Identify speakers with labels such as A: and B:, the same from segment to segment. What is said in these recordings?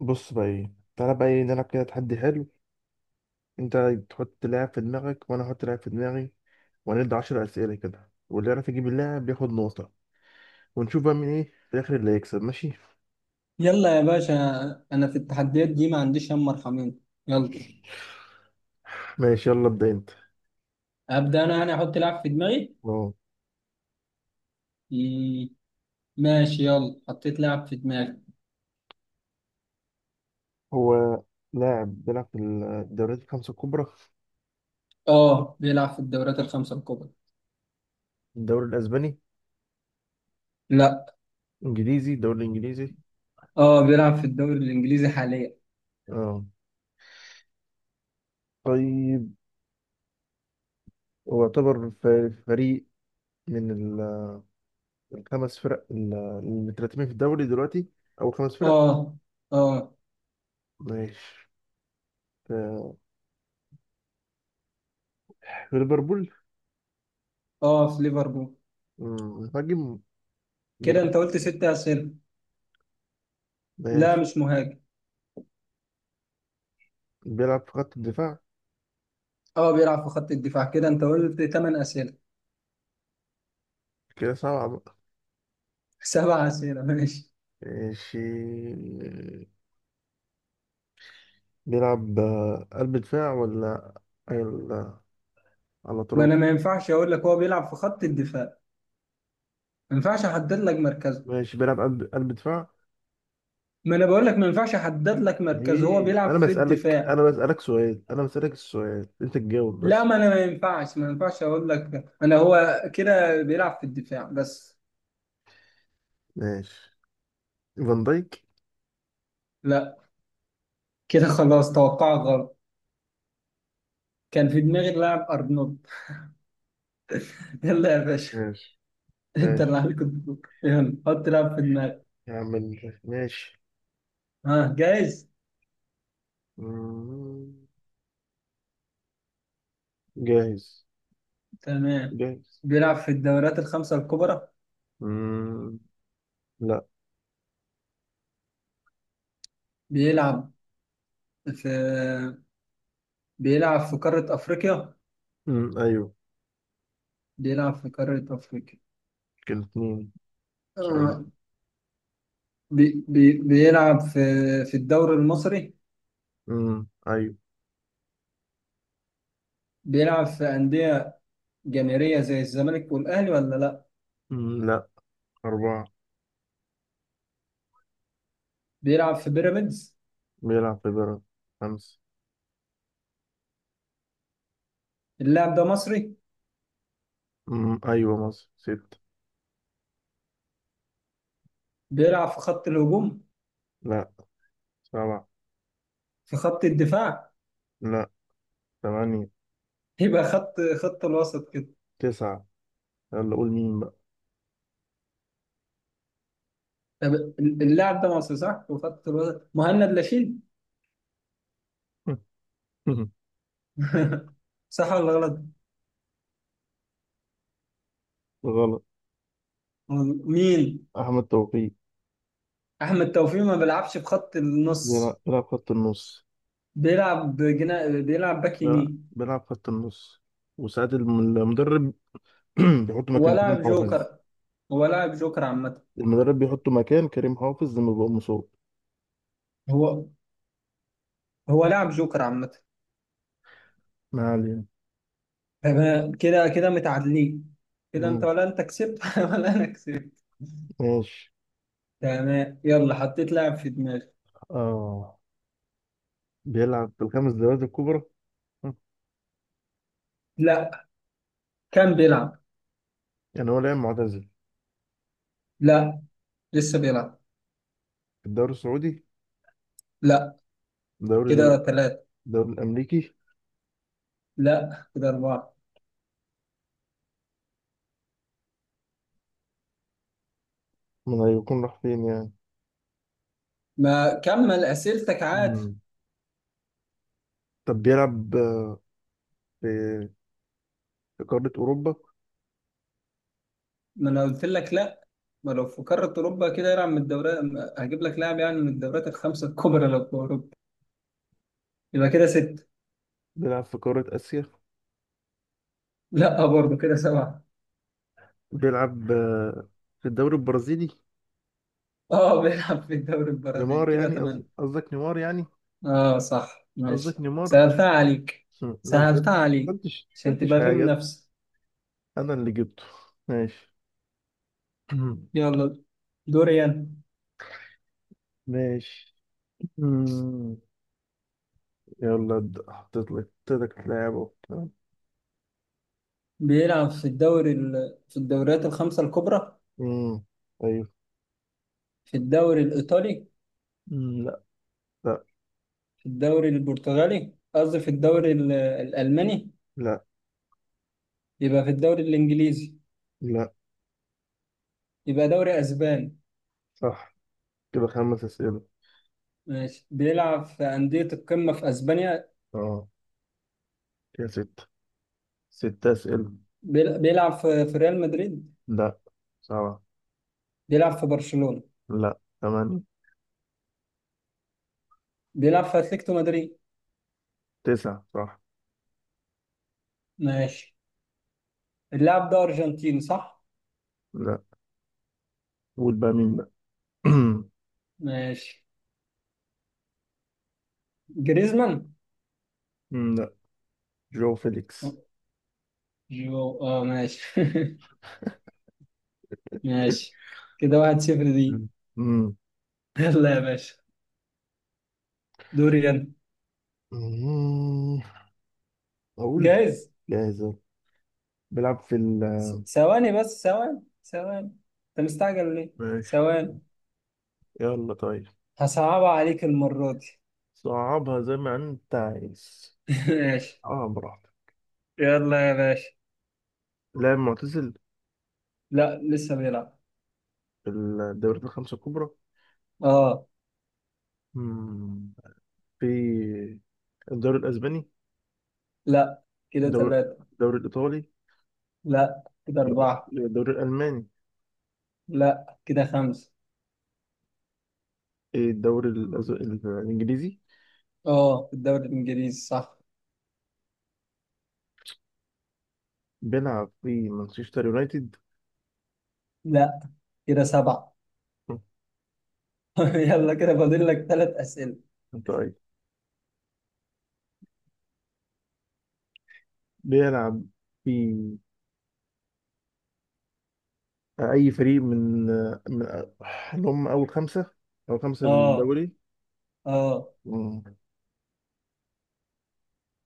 A: بص بقى ايه. تعالى بقى ايه نلعب كده تحدي حلو. انت تحط لاعب في دماغك، وانا احط لاعب في دماغي. وهنبدأ 10 اسئله كده، واللي يعرف يجيب اللاعب بياخد نقطه. ونشوف بقى مين ايه في الاخر اللي هيكسب. ماشي.
B: يلا يا باشا. انا في التحديات دي ما عنديش هم مرحمين. يلا
A: ماشي يلا ابدا انت.
B: ابدا انا يعني احط لاعب في دماغي.
A: اه.
B: مم، ماشي، يلا حطيت لاعب في دماغي.
A: هو لاعب بيلعب في الدوريات الخمسه الكبرى.
B: اه بيلعب في الدوريات الخمسة الكبرى.
A: الدوري الاسباني.
B: لا.
A: الدوري الانجليزي.
B: اه بيلعب في الدوري الانجليزي حاليا.
A: اه. طيب. هو يعتبر فريق من الخمس فرق اللي مترتبين في الدوري دلوقتي، او خمس فرق.
B: اه. اه.
A: ماشي. في ليفربول.
B: اه. في ليفربول.
A: مهاجم
B: كده
A: بيلعب.
B: انت قلت 6 اسئله. لا
A: ماشي.
B: مش مهاجم.
A: بيلعب في خط الدفاع.
B: اه بيلعب في خط الدفاع. كده انت قلت 8 اسئله.
A: كده سبعة بقى.
B: 7 اسئله ماشي.
A: ماشي. بيلعب قلب دفاع ولا على
B: ما انا
A: أطراف.
B: ما ينفعش اقول لك هو بيلعب في خط الدفاع، ما ينفعش احدد لك مركزه.
A: ماشي. بيلعب قلب دفاع.
B: ما انا بقول لك ما ينفعش احدد لك مركز، هو
A: ليه؟
B: بيلعب في الدفاع.
A: أنا بسألك السؤال، أنت تجاوب
B: لا
A: بس.
B: ما انا ما ينفعش اقول لك انا، هو كده بيلعب في الدفاع بس.
A: ماشي. فان دايك.
B: لا كده خلاص توقعك غلط. كان في دماغي اللاعب ارنولد. يلا يا باشا،
A: ماشي.
B: انت اللي
A: ماشي.
B: عليك الدور، يلا حط لاعب في دماغك.
A: يعمل ماشي.
B: ها، جاهز؟
A: مم، جاهز.
B: تمام.
A: جاهز.
B: بيلعب في الدوريات الخمسة الكبرى.
A: مم، لا.
B: بيلعب في بيلعب في قارة افريقيا.
A: مم، أيوه.
B: بيلعب في قارة افريقيا.
A: كده اتنين
B: آه.
A: شغالين.
B: بي بي بيلعب في الدوري المصري.
A: امم، ايوه.
B: بيلعب في أندية جماهيرية زي الزمالك والأهلي ولا لا؟
A: امم، لا. أربعة.
B: بيلعب في بيراميدز.
A: بيلعب في بيراميدز. خمسة.
B: اللاعب ده مصري.
A: امم، أيوة. مصر. ستة.
B: بيلعب في خط الهجوم.
A: لا. سبعة.
B: في خط الدفاع.
A: لا. ثمانية.
B: يبقى خط الوسط كده.
A: تسعة. يلا قول مين بقى؟
B: طب اللاعب ده مصري صح وخط الوسط، مهند لاشين؟ صح ولا غلط؟
A: غلط.
B: مين؟
A: أحمد توفيق.
B: أحمد توفيق؟ ما بيلعبش في خط
A: بيلعب
B: النص.
A: بيلعب خط النص.
B: بيلعب بيلعب باك
A: بيلعب
B: يمين
A: بيلعب خط النص. وساعات المدرب بيحط مكان كريم
B: ولاعب
A: حافظ.
B: جوكر. هو لاعب جوكر عامة.
A: المدرب بيحط مكان كريم حافظ لما بيبقى مصاب.
B: هو هو لاعب جوكر عامة.
A: ما علينا.
B: تمام. كده متعادلين. كده انت،
A: أمم،
B: ولا انت كسبت ولا انا كسبت؟
A: ماشي.
B: تمام، يلا حطيت لاعب في دماغي.
A: اه بيلعب في الخمس دوريات الكبرى. مم.
B: لا. كان بيلعب.
A: يعني هو لاعب معتزل؟
B: لا لسه بيلعب.
A: الدوري السعودي.
B: لا
A: الدوري
B: كده
A: ال-
B: ثلاثة.
A: الدوري الأمريكي.
B: لا كده أربعة.
A: من هيكون راح فين يعني؟
B: ما كمل أسئلتك عادي.
A: مم. طب بيلعب في في قارة أوروبا.
B: ما أنا قلت لك لا، ما لو في قارة أوروبا كده يلعب من الدوريات، هجيب لك لاعب يعني من الدوريات الخمسة الكبرى لو في أوروبا، يبقى كده ستة.
A: بيلعب في قارة آسيا.
B: لا برضه كده سبعة.
A: بيلعب في الدوري البرازيلي.
B: اه بيلعب في الدوري البرازيلي
A: نيمار
B: كده
A: يعني،
B: ثمانية.
A: قصدك نيمار يعني.
B: اه صح
A: قصدك
B: ماشي.
A: نيمار.
B: سهلتها عليك.
A: مم. لا ما
B: سهلتها عليك
A: سألتش
B: عشان
A: سألتش
B: تبقى في
A: حاجة.
B: منافسة.
A: أنا اللي جبته. ماشي.
B: يلا دوري أنا.
A: ماشي. مم. يلا ابدأ. حطيت لك لاعب أهو.
B: بيلعب في الدوري في الدوريات الخمسة الكبرى.
A: مم. أيوه.
B: في الدوري الإيطالي.
A: مم. لا. لا.
B: في الدوري البرتغالي، قصدي في الدوري الألماني.
A: لا.
B: يبقى في الدوري الإنجليزي.
A: لا.
B: يبقى دوري أسباني.
A: صح. كده خمس أسئلة.
B: ماشي، بيلعب في أندية القمة في أسبانيا.
A: اه. كده ستة. ستة أسئلة.
B: بيلعب في ريال مدريد.
A: لا. سبعة.
B: بيلعب في برشلونة.
A: لا. ثمانية.
B: بيلعب في أتلتيكو مدريد.
A: تسعة. صح.
B: ماشي، اللاعب ده أرجنتيني صح؟
A: لا. قول بقى مين بقى؟
B: ماشي، جريزمان.
A: مم، لا. جو فيليكس.
B: جو اه ماشي. ماشي، كده 1-0 دي.
A: مم. مم.
B: يلا يا باشا، دوري انا.
A: مم. أقول.
B: جاهز.
A: جاهز أهو. بيلعب في ال
B: ثواني بس، ثواني ثواني، انت مستعجل ليه؟
A: ماشي.
B: ثواني.
A: يلا طيب.
B: هصعبها عليك المرة دي.
A: صعبها زي ما أنت عايز.
B: ماشي،
A: صعبها براحتك.
B: يلا يا باشا.
A: لاعب معتزل؟
B: لا لسه بيلعب.
A: في الدوريات الخمسة الكبرى.
B: اه.
A: مم. في الدوري الأسباني.
B: لا كده
A: الدوري
B: ثلاثة.
A: الدوري الإيطالي.
B: لا كده
A: يبقى
B: أربعة.
A: الدوري الألماني.
B: لا كده خمسة.
A: إيه الإنجليزي.
B: اه في الدوري الإنجليزي صح.
A: بيلعب في مانشستر يونايتد.
B: لا كده سبعة. يلا كده فاضل لك 3 أسئلة.
A: طيب بيلعب في أي فريق من اللي هم أول خمسة، أو خمسة
B: اه.
A: بالدوري.
B: اه.
A: مم.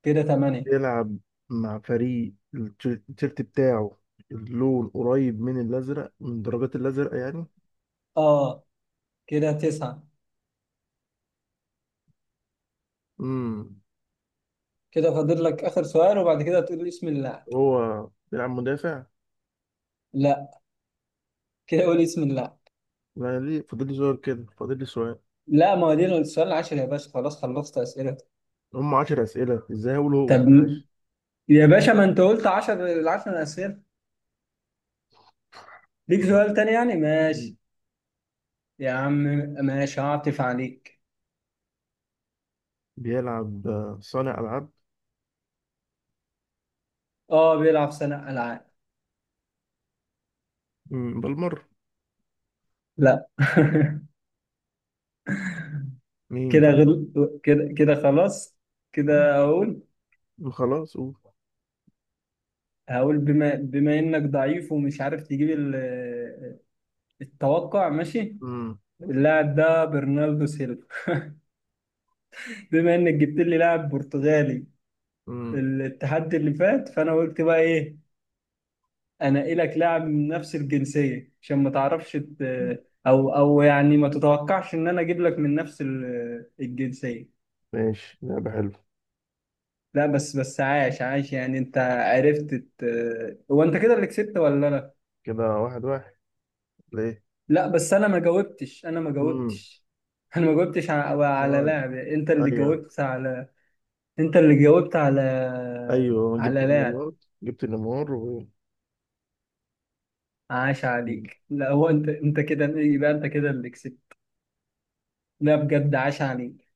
B: كده تمانية.
A: بيلعب مع فريق التيشيرت بتاعه. اللون قريب من الأزرق، من درجات الأزرق يعني.
B: اه. كده تسعة.
A: مم.
B: كده فاضل لك آخر سؤال وبعد كده تقول اسم اللاعب.
A: هو بيلعب مدافع؟
B: لا كده قول اسم اللاعب.
A: لا، ليه؟ فاضل لي سؤال. كده فاضل لي سؤال.
B: لا ما هو دي السؤال العاشر يا باشا، خلاص خلصت أسئلتك.
A: هم 10 أسئلة، إزاي هقول هو في
B: طب
A: الحاجة؟
B: م- يا باشا، ما أنت قلت عشر، العشر أسئلة ليك، سؤال تاني يعني
A: مم.
B: ماشي. يا عم ماشي، هعطف عليك.
A: بيلعب صانع ألعاب.
B: اه بيلعب سنة ألعاب.
A: بالمرة.
B: لا.
A: مين؟
B: كده
A: طيب.
B: كده خلاص
A: مم،
B: كده أقول.
A: خلاص قول.
B: هقول بما إنك ضعيف ومش عارف تجيب التوقع. ماشي،
A: مم،
B: اللاعب ده برناردو سيلفا. بما انك جبت لي لاعب برتغالي
A: مم.
B: التحدي اللي فات، فانا قلت بقى ايه؟ انقلك لاعب من نفس الجنسية عشان ما تعرفش او يعني ما تتوقعش ان انا اجيب لك من نفس الجنسية.
A: ماشي، لعبة حلوة.
B: لا بس عاش يعني انت عرفت هو، انت كده اللي كسبت ولا لا؟
A: كده واحد واحد. ليه؟
B: لا بس انا ما جاوبتش.
A: مم.
B: انا ما جاوبتش على
A: آه،
B: لاعب، انت اللي
A: أيوه.
B: جاوبت على. انت اللي جاوبت على.
A: أيوه جبت
B: على. لا،
A: النمار. جبت النمار و...
B: عاش
A: مم.
B: عليك لا هو انت كده يبقى انت كده اللي كسبت. لا بجد عاش عليك.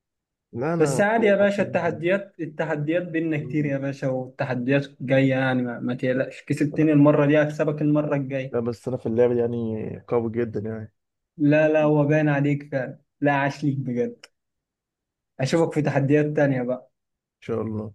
A: لا،
B: بس
A: أنا
B: عادي يا
A: بلعب
B: باشا،
A: يعني.
B: التحديات بينا كتير
A: مم.
B: يا باشا، والتحديات جاية يعني، ما تقلقش، كسبتني المرة دي هكسبك المرة الجاية.
A: لا بس أنا في اللعبة دي يعني قوي جدا، يعني إن
B: لا لا، هو باين عليك فعلا، لا عاش ليك بجد. اشوفك في تحديات تانية بقى.
A: شاء الله.